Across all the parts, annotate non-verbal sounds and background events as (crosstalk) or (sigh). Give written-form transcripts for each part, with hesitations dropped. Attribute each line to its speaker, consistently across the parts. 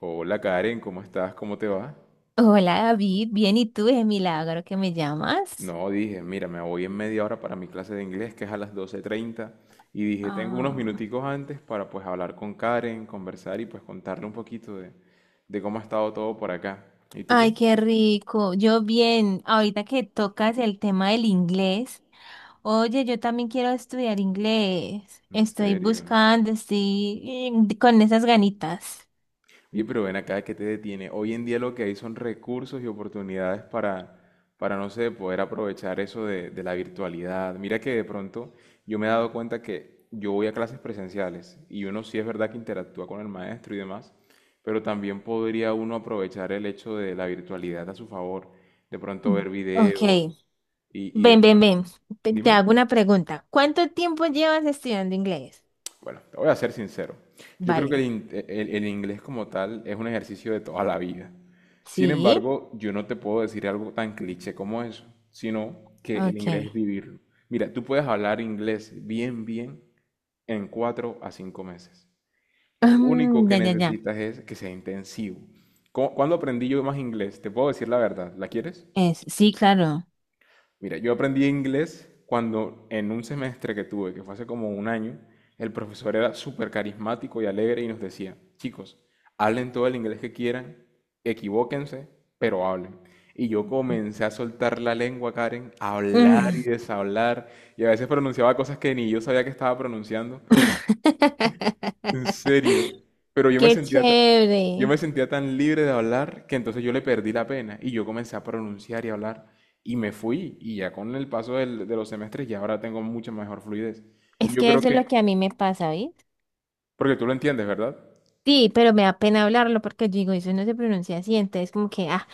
Speaker 1: Hola Karen, ¿cómo estás? ¿Cómo te va?
Speaker 2: Hola David, bien, ¿y tú? Es milagro que me llamas.
Speaker 1: No, dije, mira, me voy en media hora para mi clase de inglés, que es a las 12:30 y dije, tengo unos
Speaker 2: Ah,
Speaker 1: minuticos antes para pues hablar con Karen, conversar y pues contarle un poquito de cómo ha estado todo por acá. ¿Y tú qué?
Speaker 2: ay, qué rico. Yo bien, ahorita que tocas el tema del inglés, oye, yo también quiero estudiar inglés.
Speaker 1: ¿En
Speaker 2: Estoy
Speaker 1: serio?
Speaker 2: buscando, estoy con esas ganitas.
Speaker 1: Oye, pero ven acá. ¿Que te detiene? Hoy en día lo que hay son recursos y oportunidades para no sé, poder aprovechar eso de la virtualidad. Mira que de pronto yo me he dado cuenta que yo voy a clases presenciales y uno sí es verdad que interactúa con el maestro y demás, pero también podría uno aprovechar el hecho de la virtualidad a su favor. De pronto
Speaker 2: Mm.
Speaker 1: ver
Speaker 2: Ok,
Speaker 1: videos y, y de-
Speaker 2: ven. Te
Speaker 1: dime.
Speaker 2: hago una pregunta. ¿Cuánto tiempo llevas estudiando inglés?
Speaker 1: Bueno, te voy a ser sincero. Yo creo que
Speaker 2: Vale.
Speaker 1: el inglés como tal es un ejercicio de toda la vida. Sin
Speaker 2: Sí,
Speaker 1: embargo, yo no te puedo decir algo tan cliché como eso, sino que el inglés
Speaker 2: ok.
Speaker 1: es vivirlo. Mira, tú puedes hablar inglés bien, bien en 4 a 5 meses. Lo único
Speaker 2: Mm,
Speaker 1: que
Speaker 2: ya, ya, ya.
Speaker 1: necesitas es que sea intensivo. ¿Cuándo aprendí yo más inglés? Te puedo decir la verdad. ¿La quieres?
Speaker 2: Es, sí, claro.
Speaker 1: Mira, yo aprendí inglés cuando en un semestre que tuve, que fue hace como un año, el profesor era súper carismático y alegre y nos decía, chicos, hablen todo el inglés que quieran, equivóquense, pero hablen. Y yo comencé a soltar la lengua, Karen, a hablar y
Speaker 2: Mm,
Speaker 1: deshablar, y a veces pronunciaba cosas que ni yo sabía que estaba pronunciando, en serio.
Speaker 2: (laughs)
Speaker 1: Pero
Speaker 2: Qué
Speaker 1: yo me
Speaker 2: chévere.
Speaker 1: sentía tan libre de hablar que entonces yo le perdí la pena y yo comencé a pronunciar y hablar y me fui y ya con el paso de los semestres ya ahora tengo mucha mejor fluidez. Y
Speaker 2: Es
Speaker 1: yo
Speaker 2: que
Speaker 1: creo
Speaker 2: eso es lo
Speaker 1: que,
Speaker 2: que a mí me pasa, ¿oís?
Speaker 1: porque tú lo entiendes, ¿verdad?
Speaker 2: Sí, pero me da pena hablarlo porque yo digo, eso no se pronuncia así, entonces como que, ah,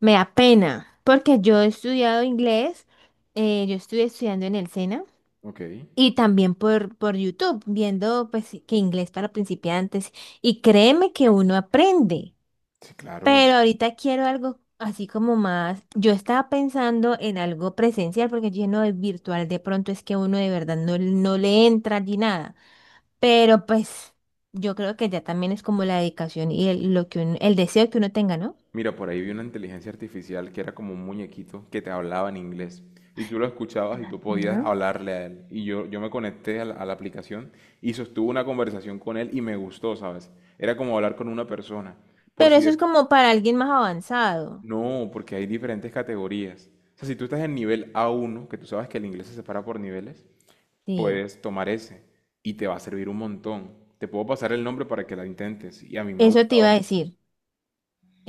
Speaker 2: me da pena. Porque yo he estudiado inglés, yo estuve estudiando en el SENA
Speaker 1: Ok,
Speaker 2: y también por YouTube, viendo pues que inglés para principiantes. Y créeme que uno aprende.
Speaker 1: sí, claro.
Speaker 2: Pero ahorita quiero algo así como más. Yo estaba pensando en algo presencial, porque lleno de virtual de pronto es que uno de verdad no, no le entra ni nada. Pero pues yo creo que ya también es como la dedicación y el, lo que uno, el deseo que uno tenga, ¿no?
Speaker 1: Mira, por ahí vi una inteligencia artificial que era como un muñequito que te hablaba en inglés y tú lo escuchabas y tú podías
Speaker 2: Ujú.
Speaker 1: hablarle a él. Y yo me conecté a la aplicación y sostuve una conversación con él y me gustó, ¿sabes? Era como hablar con una persona. Por
Speaker 2: Pero
Speaker 1: si
Speaker 2: eso
Speaker 1: de-
Speaker 2: es como para alguien más avanzado.
Speaker 1: No, porque hay diferentes categorías. O sea, si tú estás en nivel A1, que tú sabes que el inglés se separa por niveles,
Speaker 2: Sí,
Speaker 1: puedes tomar ese y te va a servir un montón. Te puedo pasar el nombre para que la intentes y a mí me ha
Speaker 2: eso te
Speaker 1: gustado
Speaker 2: iba a
Speaker 1: mucho.
Speaker 2: decir.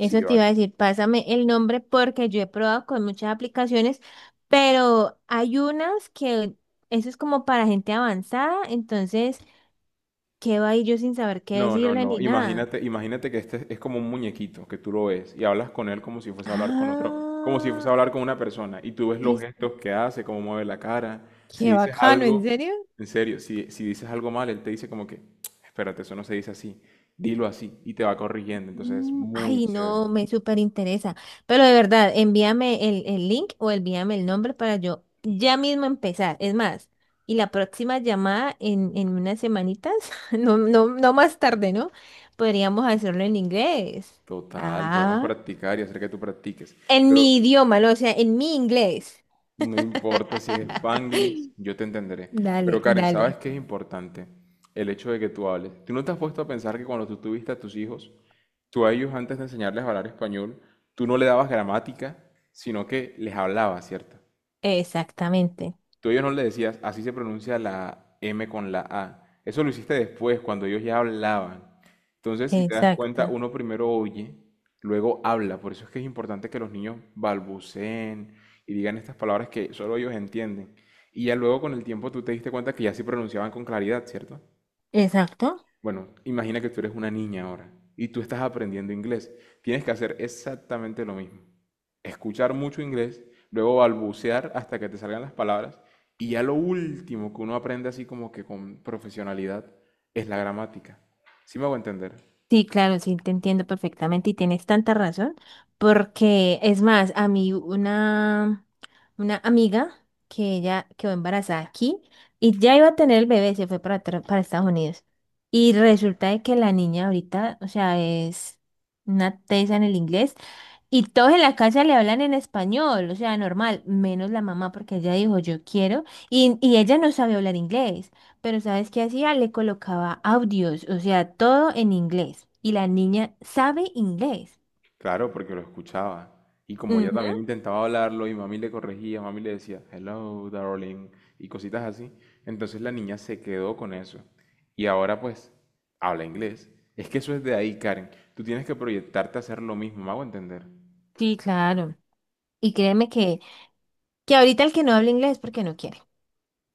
Speaker 1: Sí,
Speaker 2: te
Speaker 1: vale.
Speaker 2: iba a decir. Pásame el nombre porque yo he probado con muchas aplicaciones, pero hay unas que eso es como para gente avanzada, entonces ¿qué quedo ahí yo sin saber qué
Speaker 1: No, no,
Speaker 2: decirle
Speaker 1: no.
Speaker 2: ni nada?
Speaker 1: Imagínate, imagínate que este es como un muñequito que tú lo ves y hablas con él como si fuese a hablar con otro, como si fuese
Speaker 2: Ah,
Speaker 1: a hablar con una persona y tú ves los
Speaker 2: sí,
Speaker 1: gestos que hace, cómo mueve la cara. Si
Speaker 2: qué
Speaker 1: dices
Speaker 2: bacano, ¿en
Speaker 1: algo,
Speaker 2: serio?
Speaker 1: en serio, si dices algo mal, él te dice como que, espérate, eso no se dice así, dilo así y te va corrigiendo. Entonces es
Speaker 2: Mm,
Speaker 1: muy
Speaker 2: ay,
Speaker 1: chévere.
Speaker 2: no, me súper interesa. Pero de verdad, envíame el link o envíame el nombre para yo ya mismo empezar. Es más, y la próxima llamada en unas semanitas, (laughs) no, no, no más tarde, ¿no? Podríamos hacerlo en inglés.
Speaker 1: Total, podemos
Speaker 2: Ah,
Speaker 1: practicar y hacer que tú practiques.
Speaker 2: en
Speaker 1: Pero
Speaker 2: mi idioma, ¿no? O sea, en mi inglés.
Speaker 1: no importa si es
Speaker 2: (laughs)
Speaker 1: Spanglish, yo te entenderé. Pero
Speaker 2: Dale,
Speaker 1: Karen, ¿sabes
Speaker 2: dale.
Speaker 1: qué es importante? El hecho de que tú hables. ¿Tú no te has puesto a pensar que cuando tú tuviste a tus hijos, tú a ellos antes de enseñarles a hablar español, tú no le dabas gramática, sino que les hablabas? ¿Cierto?
Speaker 2: Exactamente,
Speaker 1: Tú a ellos no le decías, así se pronuncia la M con la A. Eso lo hiciste después, cuando ellos ya hablaban. Entonces, si te das cuenta,
Speaker 2: exacto,
Speaker 1: uno primero oye, luego habla. Por eso es que es importante que los niños balbuceen y digan estas palabras que solo ellos entienden. Y ya luego con el tiempo tú te diste cuenta que ya sí pronunciaban con claridad, ¿cierto?
Speaker 2: exacto.
Speaker 1: Bueno, imagina que tú eres una niña ahora y tú estás aprendiendo inglés. Tienes que hacer exactamente lo mismo. Escuchar mucho inglés, luego balbucear hasta que te salgan las palabras y ya lo último que uno aprende así como que con profesionalidad es la gramática. ¿Sí me hago entender?
Speaker 2: Sí, claro, sí, te entiendo perfectamente y tienes tanta razón, porque es más, a mí una amiga que ella quedó embarazada aquí y ya iba a tener el bebé, se fue para, tra- para Estados Unidos. Y resulta de que la niña ahorita, o sea, es una tesa en el inglés. Y todos en la casa le hablan en español, o sea, normal, menos la mamá porque ella dijo yo quiero y, ella no sabía hablar inglés, pero ¿sabes qué hacía? Le colocaba audios, o sea, todo en inglés y la niña sabe inglés.
Speaker 1: Claro, porque lo escuchaba. Y como ella también
Speaker 2: Ujú.
Speaker 1: intentaba hablarlo y mami le corregía, mami le decía, hello, darling, y cositas así, entonces la niña se quedó con eso. Y ahora pues habla inglés. Es que eso es de ahí, Karen. Tú tienes que proyectarte a hacer lo mismo, me hago entender.
Speaker 2: Sí, claro. Y créeme que ahorita el que no habla inglés es porque no quiere,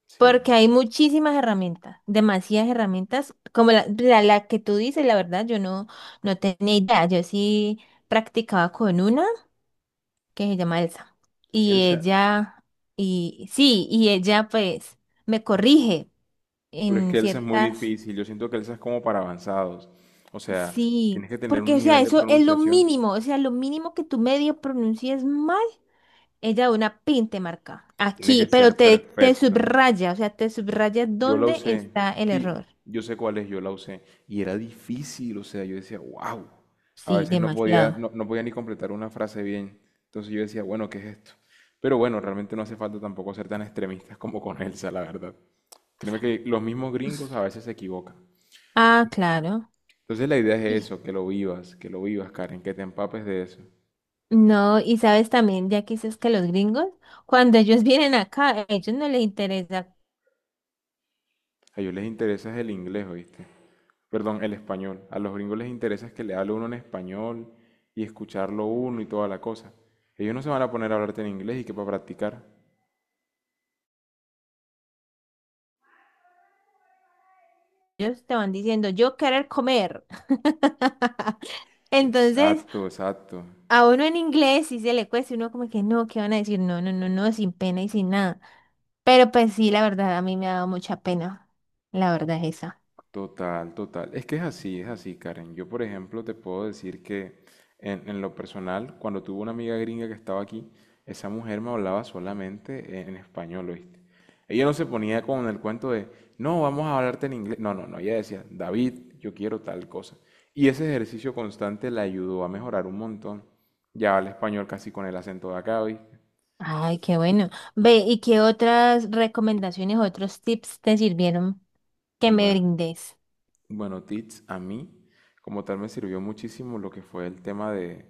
Speaker 1: Sí.
Speaker 2: porque hay muchísimas herramientas, demasiadas herramientas, como la que tú dices, la verdad, yo no, no tenía idea, yo sí practicaba con una. Que se llama Elsa. Y
Speaker 1: Elsa,
Speaker 2: ella, y sí, y ella pues me corrige
Speaker 1: pero es
Speaker 2: en
Speaker 1: que Elsa es muy
Speaker 2: ciertas,
Speaker 1: difícil. Yo siento que Elsa es como para avanzados. O sea,
Speaker 2: sí,
Speaker 1: tienes que tener
Speaker 2: porque
Speaker 1: un
Speaker 2: o sea,
Speaker 1: nivel de
Speaker 2: eso es lo
Speaker 1: pronunciación.
Speaker 2: mínimo, o sea, lo mínimo que tú medio pronuncies mal, ella de una pin te marca
Speaker 1: Tiene
Speaker 2: aquí,
Speaker 1: que
Speaker 2: pero
Speaker 1: ser
Speaker 2: te
Speaker 1: perfecto.
Speaker 2: subraya, o sea, te subraya
Speaker 1: Yo la
Speaker 2: dónde
Speaker 1: usé,
Speaker 2: está el
Speaker 1: sí,
Speaker 2: error.
Speaker 1: yo sé cuál es, yo la usé. Y era difícil, o sea, yo decía, wow. A
Speaker 2: Sí,
Speaker 1: veces no podía,
Speaker 2: demasiado.
Speaker 1: no podía ni completar una frase bien. Entonces yo decía, bueno, ¿qué es esto? Pero bueno, realmente no hace falta tampoco ser tan extremistas como con Elsa, la verdad. Créeme que los mismos gringos a veces se equivocan.
Speaker 2: Ah, claro.
Speaker 1: Entonces la idea es
Speaker 2: Sí.
Speaker 1: eso, que lo vivas, Karen, que te empapes de eso.
Speaker 2: No, y sabes también, ya que dices que los gringos, cuando ellos (laughs) vienen acá, a ellos no les interesa.
Speaker 1: A ellos les interesa es el inglés, ¿oíste? Perdón, el español. A los gringos les interesa es que le hable uno en español y escucharlo uno y toda la cosa. Ellos no se van a poner a hablarte en inglés y que para practicar.
Speaker 2: Ellos te van diciendo, yo querer comer. (laughs) Entonces,
Speaker 1: Exacto, exacto.
Speaker 2: a uno en inglés sí se le cuesta, uno como que no, ¿qué van a decir? No, no, no, no, sin pena y sin nada. Pero pues sí, la verdad, a mí me ha dado mucha pena. La verdad es esa.
Speaker 1: Total, total. Es que es así, Karen. Yo, por ejemplo, te puedo decir que en lo personal, cuando tuve una amiga gringa que estaba aquí, esa mujer me hablaba solamente en español, ¿oíste? Ella no se ponía con el cuento de, no, vamos a hablarte en inglés. No, no, no. Ella decía, David, yo quiero tal cosa. Y ese ejercicio constante la ayudó a mejorar un montón. Ya habla español casi con el acento de acá, ¿oíste?
Speaker 2: Ay, qué bueno. Ve, ¿y qué otras recomendaciones, otros tips te sirvieron que me
Speaker 1: Bueno.
Speaker 2: brindes?
Speaker 1: Bueno, Teach, a mí como tal me sirvió muchísimo lo que fue el tema de,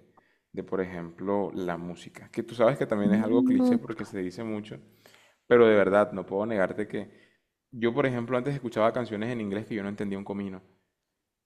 Speaker 1: de, por ejemplo, la música, que tú sabes que también es algo cliché
Speaker 2: Mm.
Speaker 1: porque se dice mucho, pero de verdad no puedo negarte que yo, por ejemplo, antes escuchaba canciones en inglés que yo no entendía un comino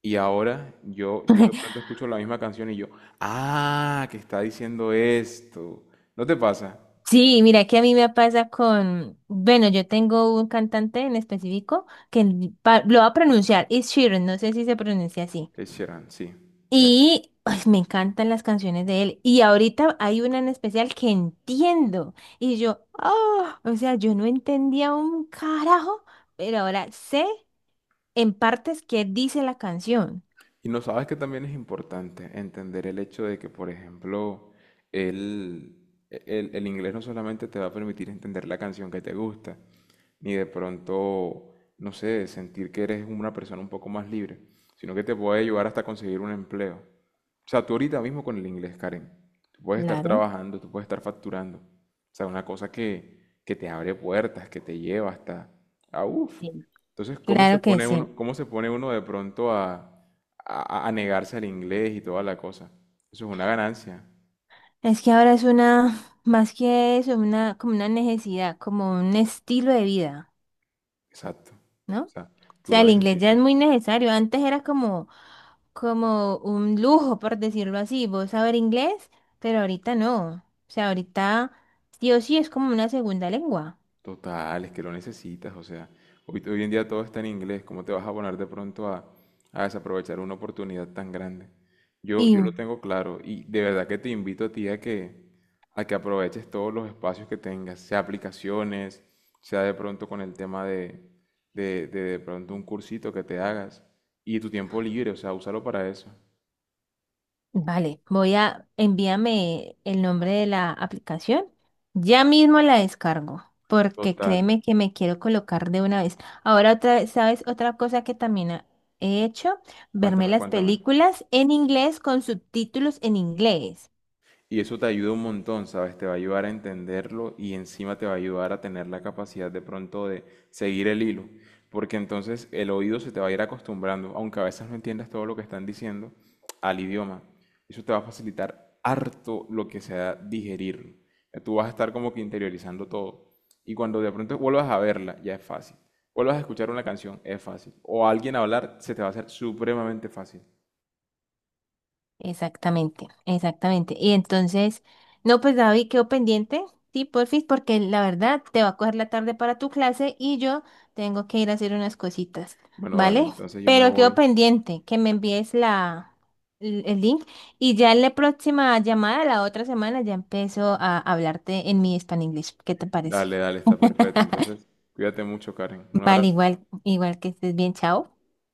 Speaker 1: y ahora yo de pronto escucho la misma canción y yo, ah, que está diciendo esto. ¿No te pasa?
Speaker 2: Sí, mira que a mí me pasa con, bueno, yo tengo un cantante en específico lo va a pronunciar, es Sheeran, no sé si se pronuncia así.
Speaker 1: Es Sheeran, sí.
Speaker 2: Y ay, me encantan las canciones de él. Y ahorita hay una en especial que entiendo. Y yo, ah, o sea, yo no entendía un carajo, pero ahora sé en partes qué dice la canción.
Speaker 1: Y no sabes que también es importante entender el hecho de que, por ejemplo, el, el inglés no solamente te va a permitir entender la canción que te gusta, ni de pronto, no sé, sentir que eres una persona un poco más libre, sino que te puede ayudar hasta conseguir un empleo. O sea, tú ahorita mismo con el inglés, Karen, tú puedes estar
Speaker 2: Claro,
Speaker 1: trabajando, tú puedes estar facturando. O sea, una cosa que te abre puertas, que te lleva hasta... Ah, uff.
Speaker 2: sí,
Speaker 1: Entonces, ¿cómo se
Speaker 2: claro que
Speaker 1: pone
Speaker 2: sí.
Speaker 1: uno, cómo se pone uno de pronto a, a negarse al inglés y toda la cosa? Eso es una ganancia.
Speaker 2: Es que ahora es una, más que eso, una, como una necesidad, como un estilo de vida.
Speaker 1: Exacto.
Speaker 2: ¿No?
Speaker 1: O
Speaker 2: O
Speaker 1: sea, tú
Speaker 2: sea,
Speaker 1: lo
Speaker 2: el inglés ya es
Speaker 1: necesitas.
Speaker 2: muy necesario. Antes era como, como un lujo, por decirlo así, vos saber inglés, pero ahorita no. O sea, ahorita sí o sí es como una segunda lengua.
Speaker 1: Total, es que lo necesitas, o sea, hoy en día todo está en inglés, ¿cómo te vas a poner de pronto a desaprovechar una oportunidad tan grande? Yo,
Speaker 2: Y
Speaker 1: yo lo tengo claro y de verdad que te invito a ti a que aproveches todos los espacios que tengas, sea aplicaciones, sea de pronto con el tema de pronto un cursito que te hagas y tu tiempo libre, o sea, úsalo para eso.
Speaker 2: vale, voy a envíame el nombre de la aplicación. Ya mismo la descargo, porque
Speaker 1: Total,
Speaker 2: créeme que me quiero colocar de una vez. Ahora otra, vez, ¿sabes? Otra cosa que también he hecho, verme
Speaker 1: cuéntame,
Speaker 2: las
Speaker 1: cuéntame.
Speaker 2: películas en inglés con subtítulos en inglés.
Speaker 1: Y eso te ayuda un montón, ¿sabes? Te va a ayudar a entenderlo y encima te va a ayudar a tener la capacidad de pronto de seguir el hilo, porque entonces el oído se te va a ir acostumbrando, aunque a veces no entiendas todo lo que están diciendo, al idioma. Eso te va a facilitar harto lo que sea digerirlo. Ya tú vas a estar como que interiorizando todo. Y cuando de pronto vuelvas a verla, ya es fácil. Vuelvas a escuchar una canción, es fácil. O a alguien hablar, se te va a hacer supremamente fácil.
Speaker 2: Exactamente, exactamente. Y entonces, no, pues David, quedó pendiente, sí, porfis, porque la verdad te va a coger la tarde para tu clase y yo tengo que ir a hacer unas cositas,
Speaker 1: Bueno, dale,
Speaker 2: ¿vale?
Speaker 1: entonces yo me
Speaker 2: Pero quedó
Speaker 1: voy.
Speaker 2: pendiente que me envíes el link y ya en la próxima llamada, la otra semana, ya empiezo a hablarte en mi Spanish English. ¿Qué te parece?
Speaker 1: Dale, dale, está perfecto. Entonces, cuídate mucho, Karen. Un
Speaker 2: Vale,
Speaker 1: abrazo.
Speaker 2: igual, igual que estés bien, chao.